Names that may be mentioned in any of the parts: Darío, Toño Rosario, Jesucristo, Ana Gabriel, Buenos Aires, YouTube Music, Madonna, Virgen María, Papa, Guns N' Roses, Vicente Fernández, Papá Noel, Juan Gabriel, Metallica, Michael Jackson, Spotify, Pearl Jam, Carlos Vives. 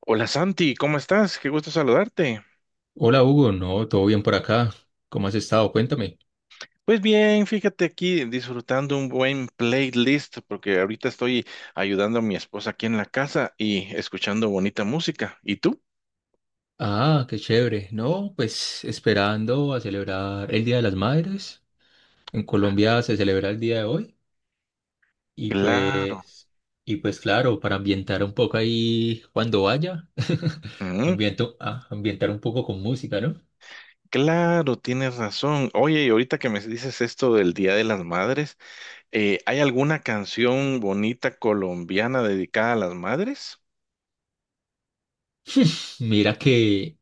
Hola Santi, ¿cómo estás? Qué gusto saludarte. Hola Hugo, no, todo bien por acá. ¿Cómo has estado? Cuéntame. Pues bien, fíjate aquí disfrutando un buen playlist porque ahorita estoy ayudando a mi esposa aquí en la casa y escuchando bonita música. ¿Y tú? Ah, qué chévere. No, pues esperando a celebrar el Día de las Madres. En Colombia se celebra el día de hoy y Claro, pues y pues claro, para ambientar un poco ahí cuando vaya, mm, ambientar un poco con música, ¿no? claro, tienes razón. Oye, y ahorita que me dices esto del Día de las Madres, ¿hay alguna canción bonita colombiana dedicada a las madres? Mira que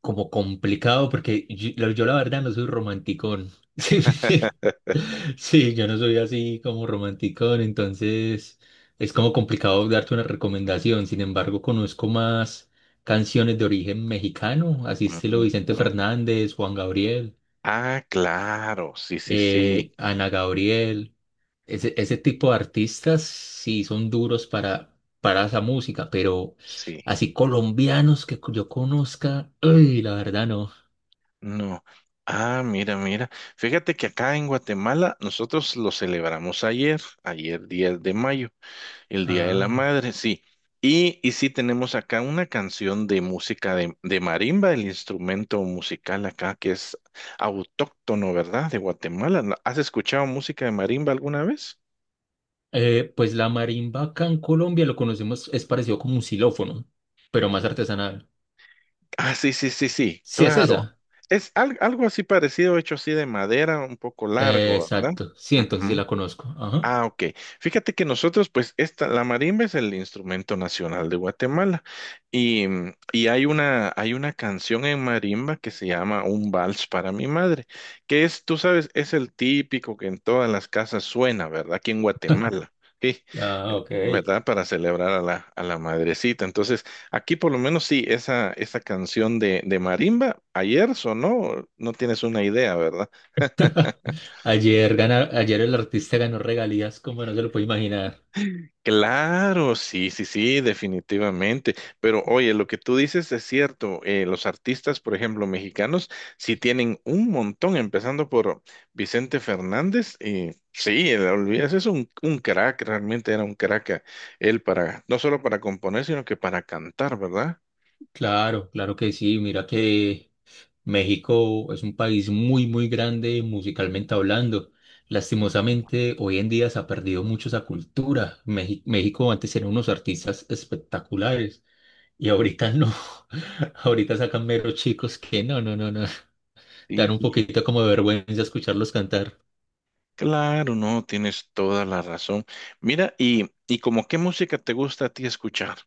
como complicado porque yo la verdad no soy romanticón. Sí, sí, yo no soy así como romanticón, entonces es como complicado darte una recomendación. Sin embargo, conozco más canciones de origen mexicano, así estilo Ujú, Vicente ujú. Fernández, Juan Gabriel, Ah, claro, sí, sí, sí, Ana Gabriel, ese tipo de artistas sí son duros para esa música, pero sí. así colombianos que yo conozca, ay, la verdad no. No. Ah, mira, mira. Fíjate que acá en Guatemala nosotros lo celebramos ayer, ayer 10 de mayo, el Día de la Ah, Madre, sí. Y sí tenemos acá una canción de música de marimba, el instrumento musical acá que es autóctono, ¿verdad? De Guatemala. ¿No- ¿Has escuchado música de marimba alguna vez? Pues la marimba acá en Colombia lo conocemos, es parecido como un xilófono, pero más artesanal. Ah, sí, sí, sí, sí, Sí, es claro. esa. Es al- algo así parecido, hecho así de madera, un poco largo, ¿verdad? Exacto, sí, entonces sí Ujú. la conozco. Ajá. Ah, ok. Fíjate que nosotros, pues, esta, la marimba es el instrumento nacional de Guatemala. Y hay una canción en marimba que se llama Un vals para mi madre, que es, tú sabes, es el típico que en todas las casas suena, ¿verdad? Aquí en Guatemala. Sí, Ah, ok. ¿verdad? Para celebrar a la madrecita. Entonces, aquí por lo menos sí, esa canción de marimba ayer sonó, no tienes una idea, ¿verdad? Ayer, ayer el artista ganó regalías como no se lo puede imaginar. Claro, sí, sí, sí, definitivamente. Pero oye, lo que tú dices es cierto. Los artistas, por ejemplo, mexicanos, sí tienen un montón, empezando por Vicente Fernández. Y sí, el- olvídate, es un crack, realmente era un crack él para, no solo para componer, sino que para cantar, ¿verdad? Claro, claro que sí. Mira que México es un país muy, muy grande musicalmente hablando. Lastimosamente, hoy en día se ha perdido mucho esa cultura. México antes eran unos artistas espectaculares y ahorita no. Ahorita sacan meros chicos que no, no, no, no. Dar un Sí, poquito como de vergüenza escucharlos cantar. claro, no, tienes toda la razón. Mira, y ¿como qué música te gusta a ti escuchar?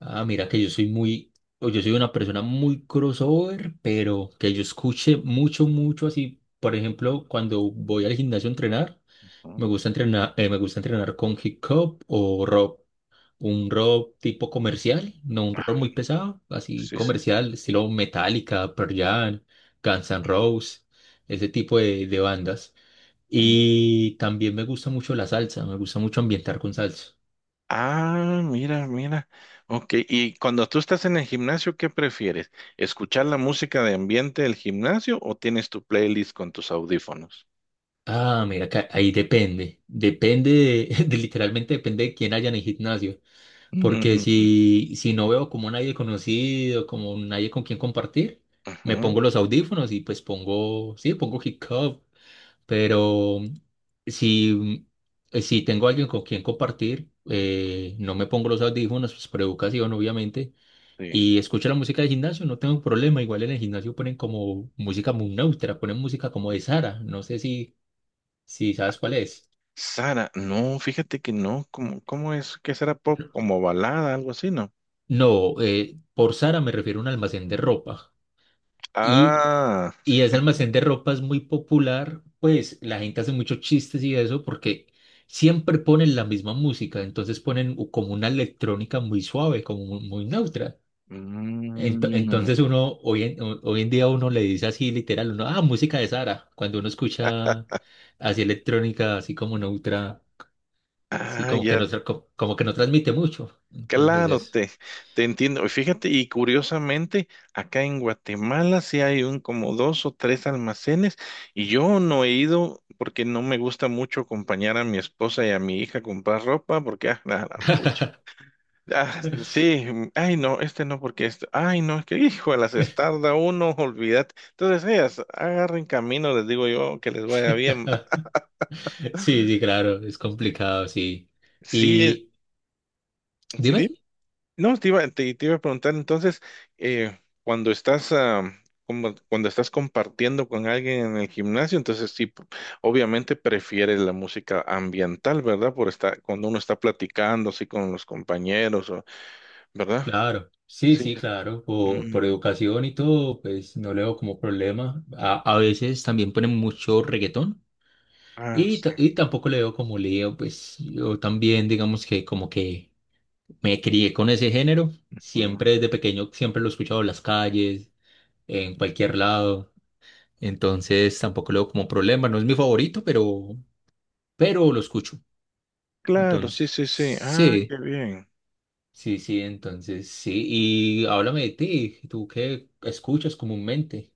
Ah, mira que yo soy una persona muy crossover, pero que yo escuche mucho, mucho así. Por ejemplo, cuando voy al gimnasio a entrenar. Ujú. Me gusta entrenar, me gusta entrenar con hip hop o rock. Un rock tipo comercial, no un rock Ah, muy pesado, así sí, sí. comercial, estilo Metallica, Pearl Jam, Guns N' Roses, de bandas. Mm. Y también me gusta mucho la salsa, me gusta mucho ambientar con salsa. Ah, mira, mira. Ok, y cuando tú estás en el gimnasio, ¿qué prefieres? ¿Escuchar la música de ambiente del gimnasio o tienes tu playlist con tus audífonos? Ah, mira, que ahí depende, literalmente depende de quién haya en el gimnasio. Porque Mm, si no veo como nadie conocido, como nadie con quien compartir, me ujú, pongo los audífonos y pues pongo, sí, pongo hip hop, pero si, si tengo alguien con quien compartir, no me pongo los audífonos, pues por educación obviamente, sí. y escucho la música del gimnasio, no tengo problema, igual en el gimnasio ponen como música muy neutra, ponen música como de Sara, no sé si sabes cuál es. Sara, no, fíjate que no, ¿cómo, cómo es que será pop? Como balada, algo así, ¿no? No, por Sara me refiero a un almacén de ropa. Y Ah, Y ese almacén de ropa es muy popular, pues la gente hace muchos chistes y eso porque siempre ponen la misma música, entonces ponen como una electrónica muy suave, muy, neutra. Mm, Entonces uno, hoy en día uno le dice así literal, uno, ah, música de Sara, cuando uno escucha así electrónica, así como neutra, sí, ah, como que ya. no, como que no transmite mucho. Entonces Claro, eso. te entiendo. Y fíjate, y curiosamente, acá en Guatemala sí hay un como dos o tres almacenes y yo no he ido porque no me gusta mucho acompañar a mi esposa y a mi hija a comprar ropa porque, ah, la gran pucha. Ah, sí, ay no, este no porque este, ay no, es que hijo, las estarda uno, olvídate. Entonces ellas agarren camino, les digo yo, que les vaya bien. Sí, sí, claro, es complicado, sí. Sí, Y sí, dime. no, te iba, te iba a preguntar entonces, cuando estás, ah, como- cuando estás compartiendo con alguien en el gimnasio, entonces sí, p- obviamente prefieres la música ambiental, ¿verdad? Por estar, cuando uno está platicando así con los compañeros, o- ¿verdad? Claro, sí, Sí. sí, claro, por Mm, educación y todo, pues no le veo como problema. A veces también ponen mucho reggaetón ah, sí. Y tampoco le veo como lío, pues yo también digamos que como que me crié con ese género, Mm, siempre desde pequeño, siempre lo he escuchado en las calles, en cualquier lado, entonces tampoco le veo como problema, no es mi favorito, pero lo escucho, claro, sí, entonces, sí, sí. Ah, sí. qué bien. Sí, sí, entonces sí. Y háblame de ti, ¿tú qué escuchas comúnmente?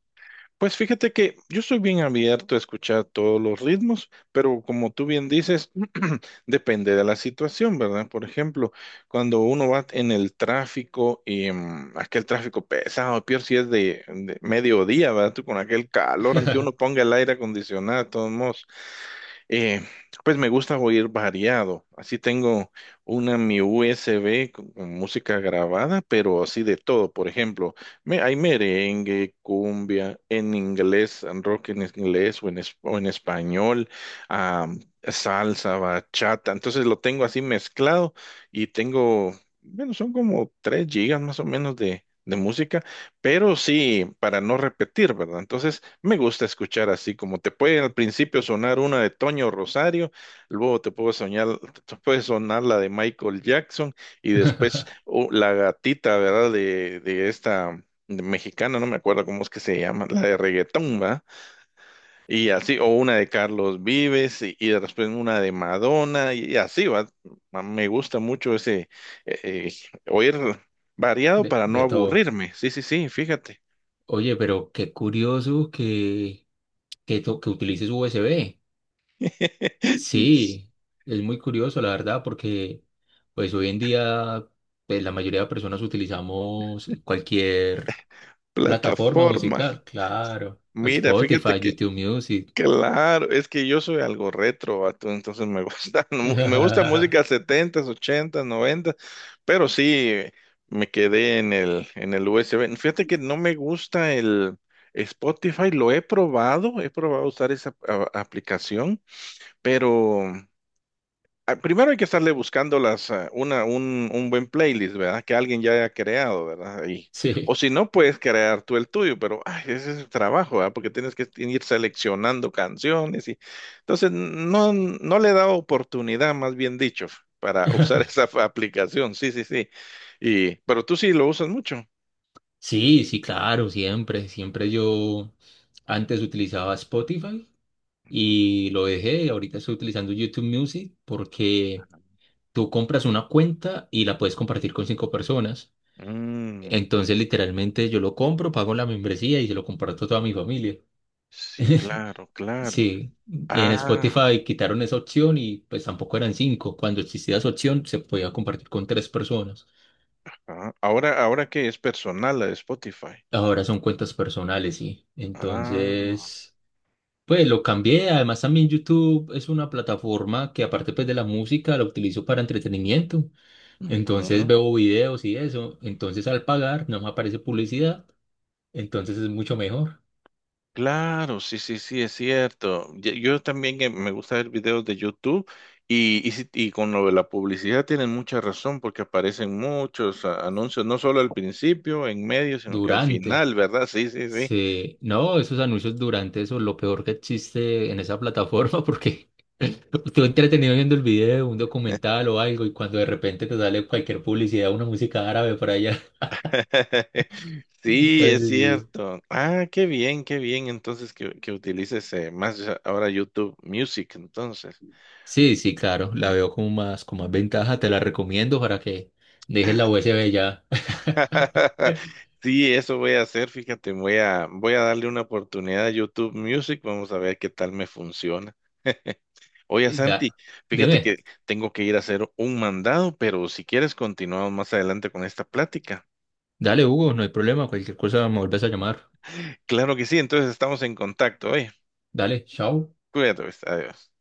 Pues fíjate que yo soy bien abierto a escuchar todos los ritmos, pero como tú bien dices, depende de la situación, ¿verdad? Por ejemplo, cuando uno va en el tráfico y aquel tráfico pesado, peor si es de mediodía, ¿verdad? Tú con aquel calor, aunque uno ponga el aire acondicionado, de todos modos. Eh, pues me gusta oír variado. Así tengo una mi USB con música grabada, pero así de todo. Por ejemplo, me, hay merengue, cumbia, en inglés, en rock en inglés o en, es- o en español, ah, salsa, bachata. Entonces lo tengo así mezclado y tengo, bueno, son como 3 gigas más o menos de música, pero sí, para no repetir, ¿verdad? Entonces me gusta escuchar así, como te puede al principio sonar una de Toño Rosario, luego te puede soñar, te puede sonar la de Michael Jackson y después oh, la gatita, ¿verdad? De esta mexicana, no me acuerdo cómo es que se llama, la de reggaetón, ¿va? Y así, o una de Carlos Vives y después una de Madonna y así, ¿va? Ma- me gusta mucho ese eh, eh, oír variado para no de todo. aburrirme. Sí, sí, sí, fíjate. Oye, pero qué curioso que utilices USB. Sí, es muy curioso, la verdad, porque pues hoy en día pues, la mayoría de personas utilizamos cualquier plataforma Plataforma. musical, claro. Mira, fíjate Spotify, que YouTube Music. claro, es que yo soy algo retro, vato, entonces me gusta, mu- me gusta música setentas, ochentas, 80, pero sí me quedé en el USB. Fíjate que no me gusta el Spotify, lo he probado usar esa a- aplicación, pero primero hay que estarle buscando las, ah, una, un buen playlist, ¿verdad? Que alguien ya haya creado, ¿verdad? Y, o Sí. si no, puedes crear tú el tuyo, pero ay, ese es el trabajo, ¿verdad? Porque tienes que ir seleccionando canciones y entonces no, no le he dado oportunidad, más bien dicho, para usar esa aplicación. Sí, sí, sí. Y, pero tú sí lo usas mucho. Sí, sí, claro, siempre, siempre yo antes utilizaba Spotify y lo dejé, ahorita estoy utilizando YouTube Music porque tú compras una cuenta y la puedes compartir con 5 personas. Mm, Entonces, literalmente yo lo compro, pago la membresía y se lo comparto a toda mi familia. sí, claro, claro. Sí, y en Ah, Spotify quitaron esa opción y pues tampoco eran 5. Cuando existía esa opción se podía compartir con 3 personas. ah, ahora, ahora que es personal la de Spotify. Ahora son cuentas personales, sí. Ah, Entonces... Pues lo cambié, además también YouTube es una plataforma que aparte pues de la música la utilizo para entretenimiento, entonces ujú. veo videos y eso, entonces al pagar no me aparece publicidad, entonces es mucho mejor. Claro, sí, sí, sí, es cierto. Ye- yo también me gusta ver videos de YouTube y, si- y con lo de la publicidad tienen mucha razón porque aparecen muchos a- anuncios, no solo al principio, en medio, sino que al Durante, final, ¿verdad? Sí, sí, sí. sí, no, esos anuncios durante eso es lo peor que existe en esa plataforma porque tú entretenido viendo el video, un documental o algo y cuando de repente te sale cualquier publicidad, una música árabe por allá, Sí, es entonces sí. cierto. Ah, qué bien entonces que utilices más ahora YouTube Music, entonces. Sí, sí, claro, la Mm. veo como más ventaja, te la recomiendo para que dejes la USB ya. Sí, eso voy a hacer, fíjate, voy a, voy a darle una oportunidad a YouTube Music, vamos a ver qué tal me funciona. Oye, Da- Santi, fíjate dime, que tengo que ir a hacer un mandado, pero si quieres continuamos más adelante con esta plática. dale Hugo, no hay problema, cualquier cosa me vuelves a llamar. Claro que sí, entonces estamos en contacto, oye, Dale, chao. cuídate, pues, adiós.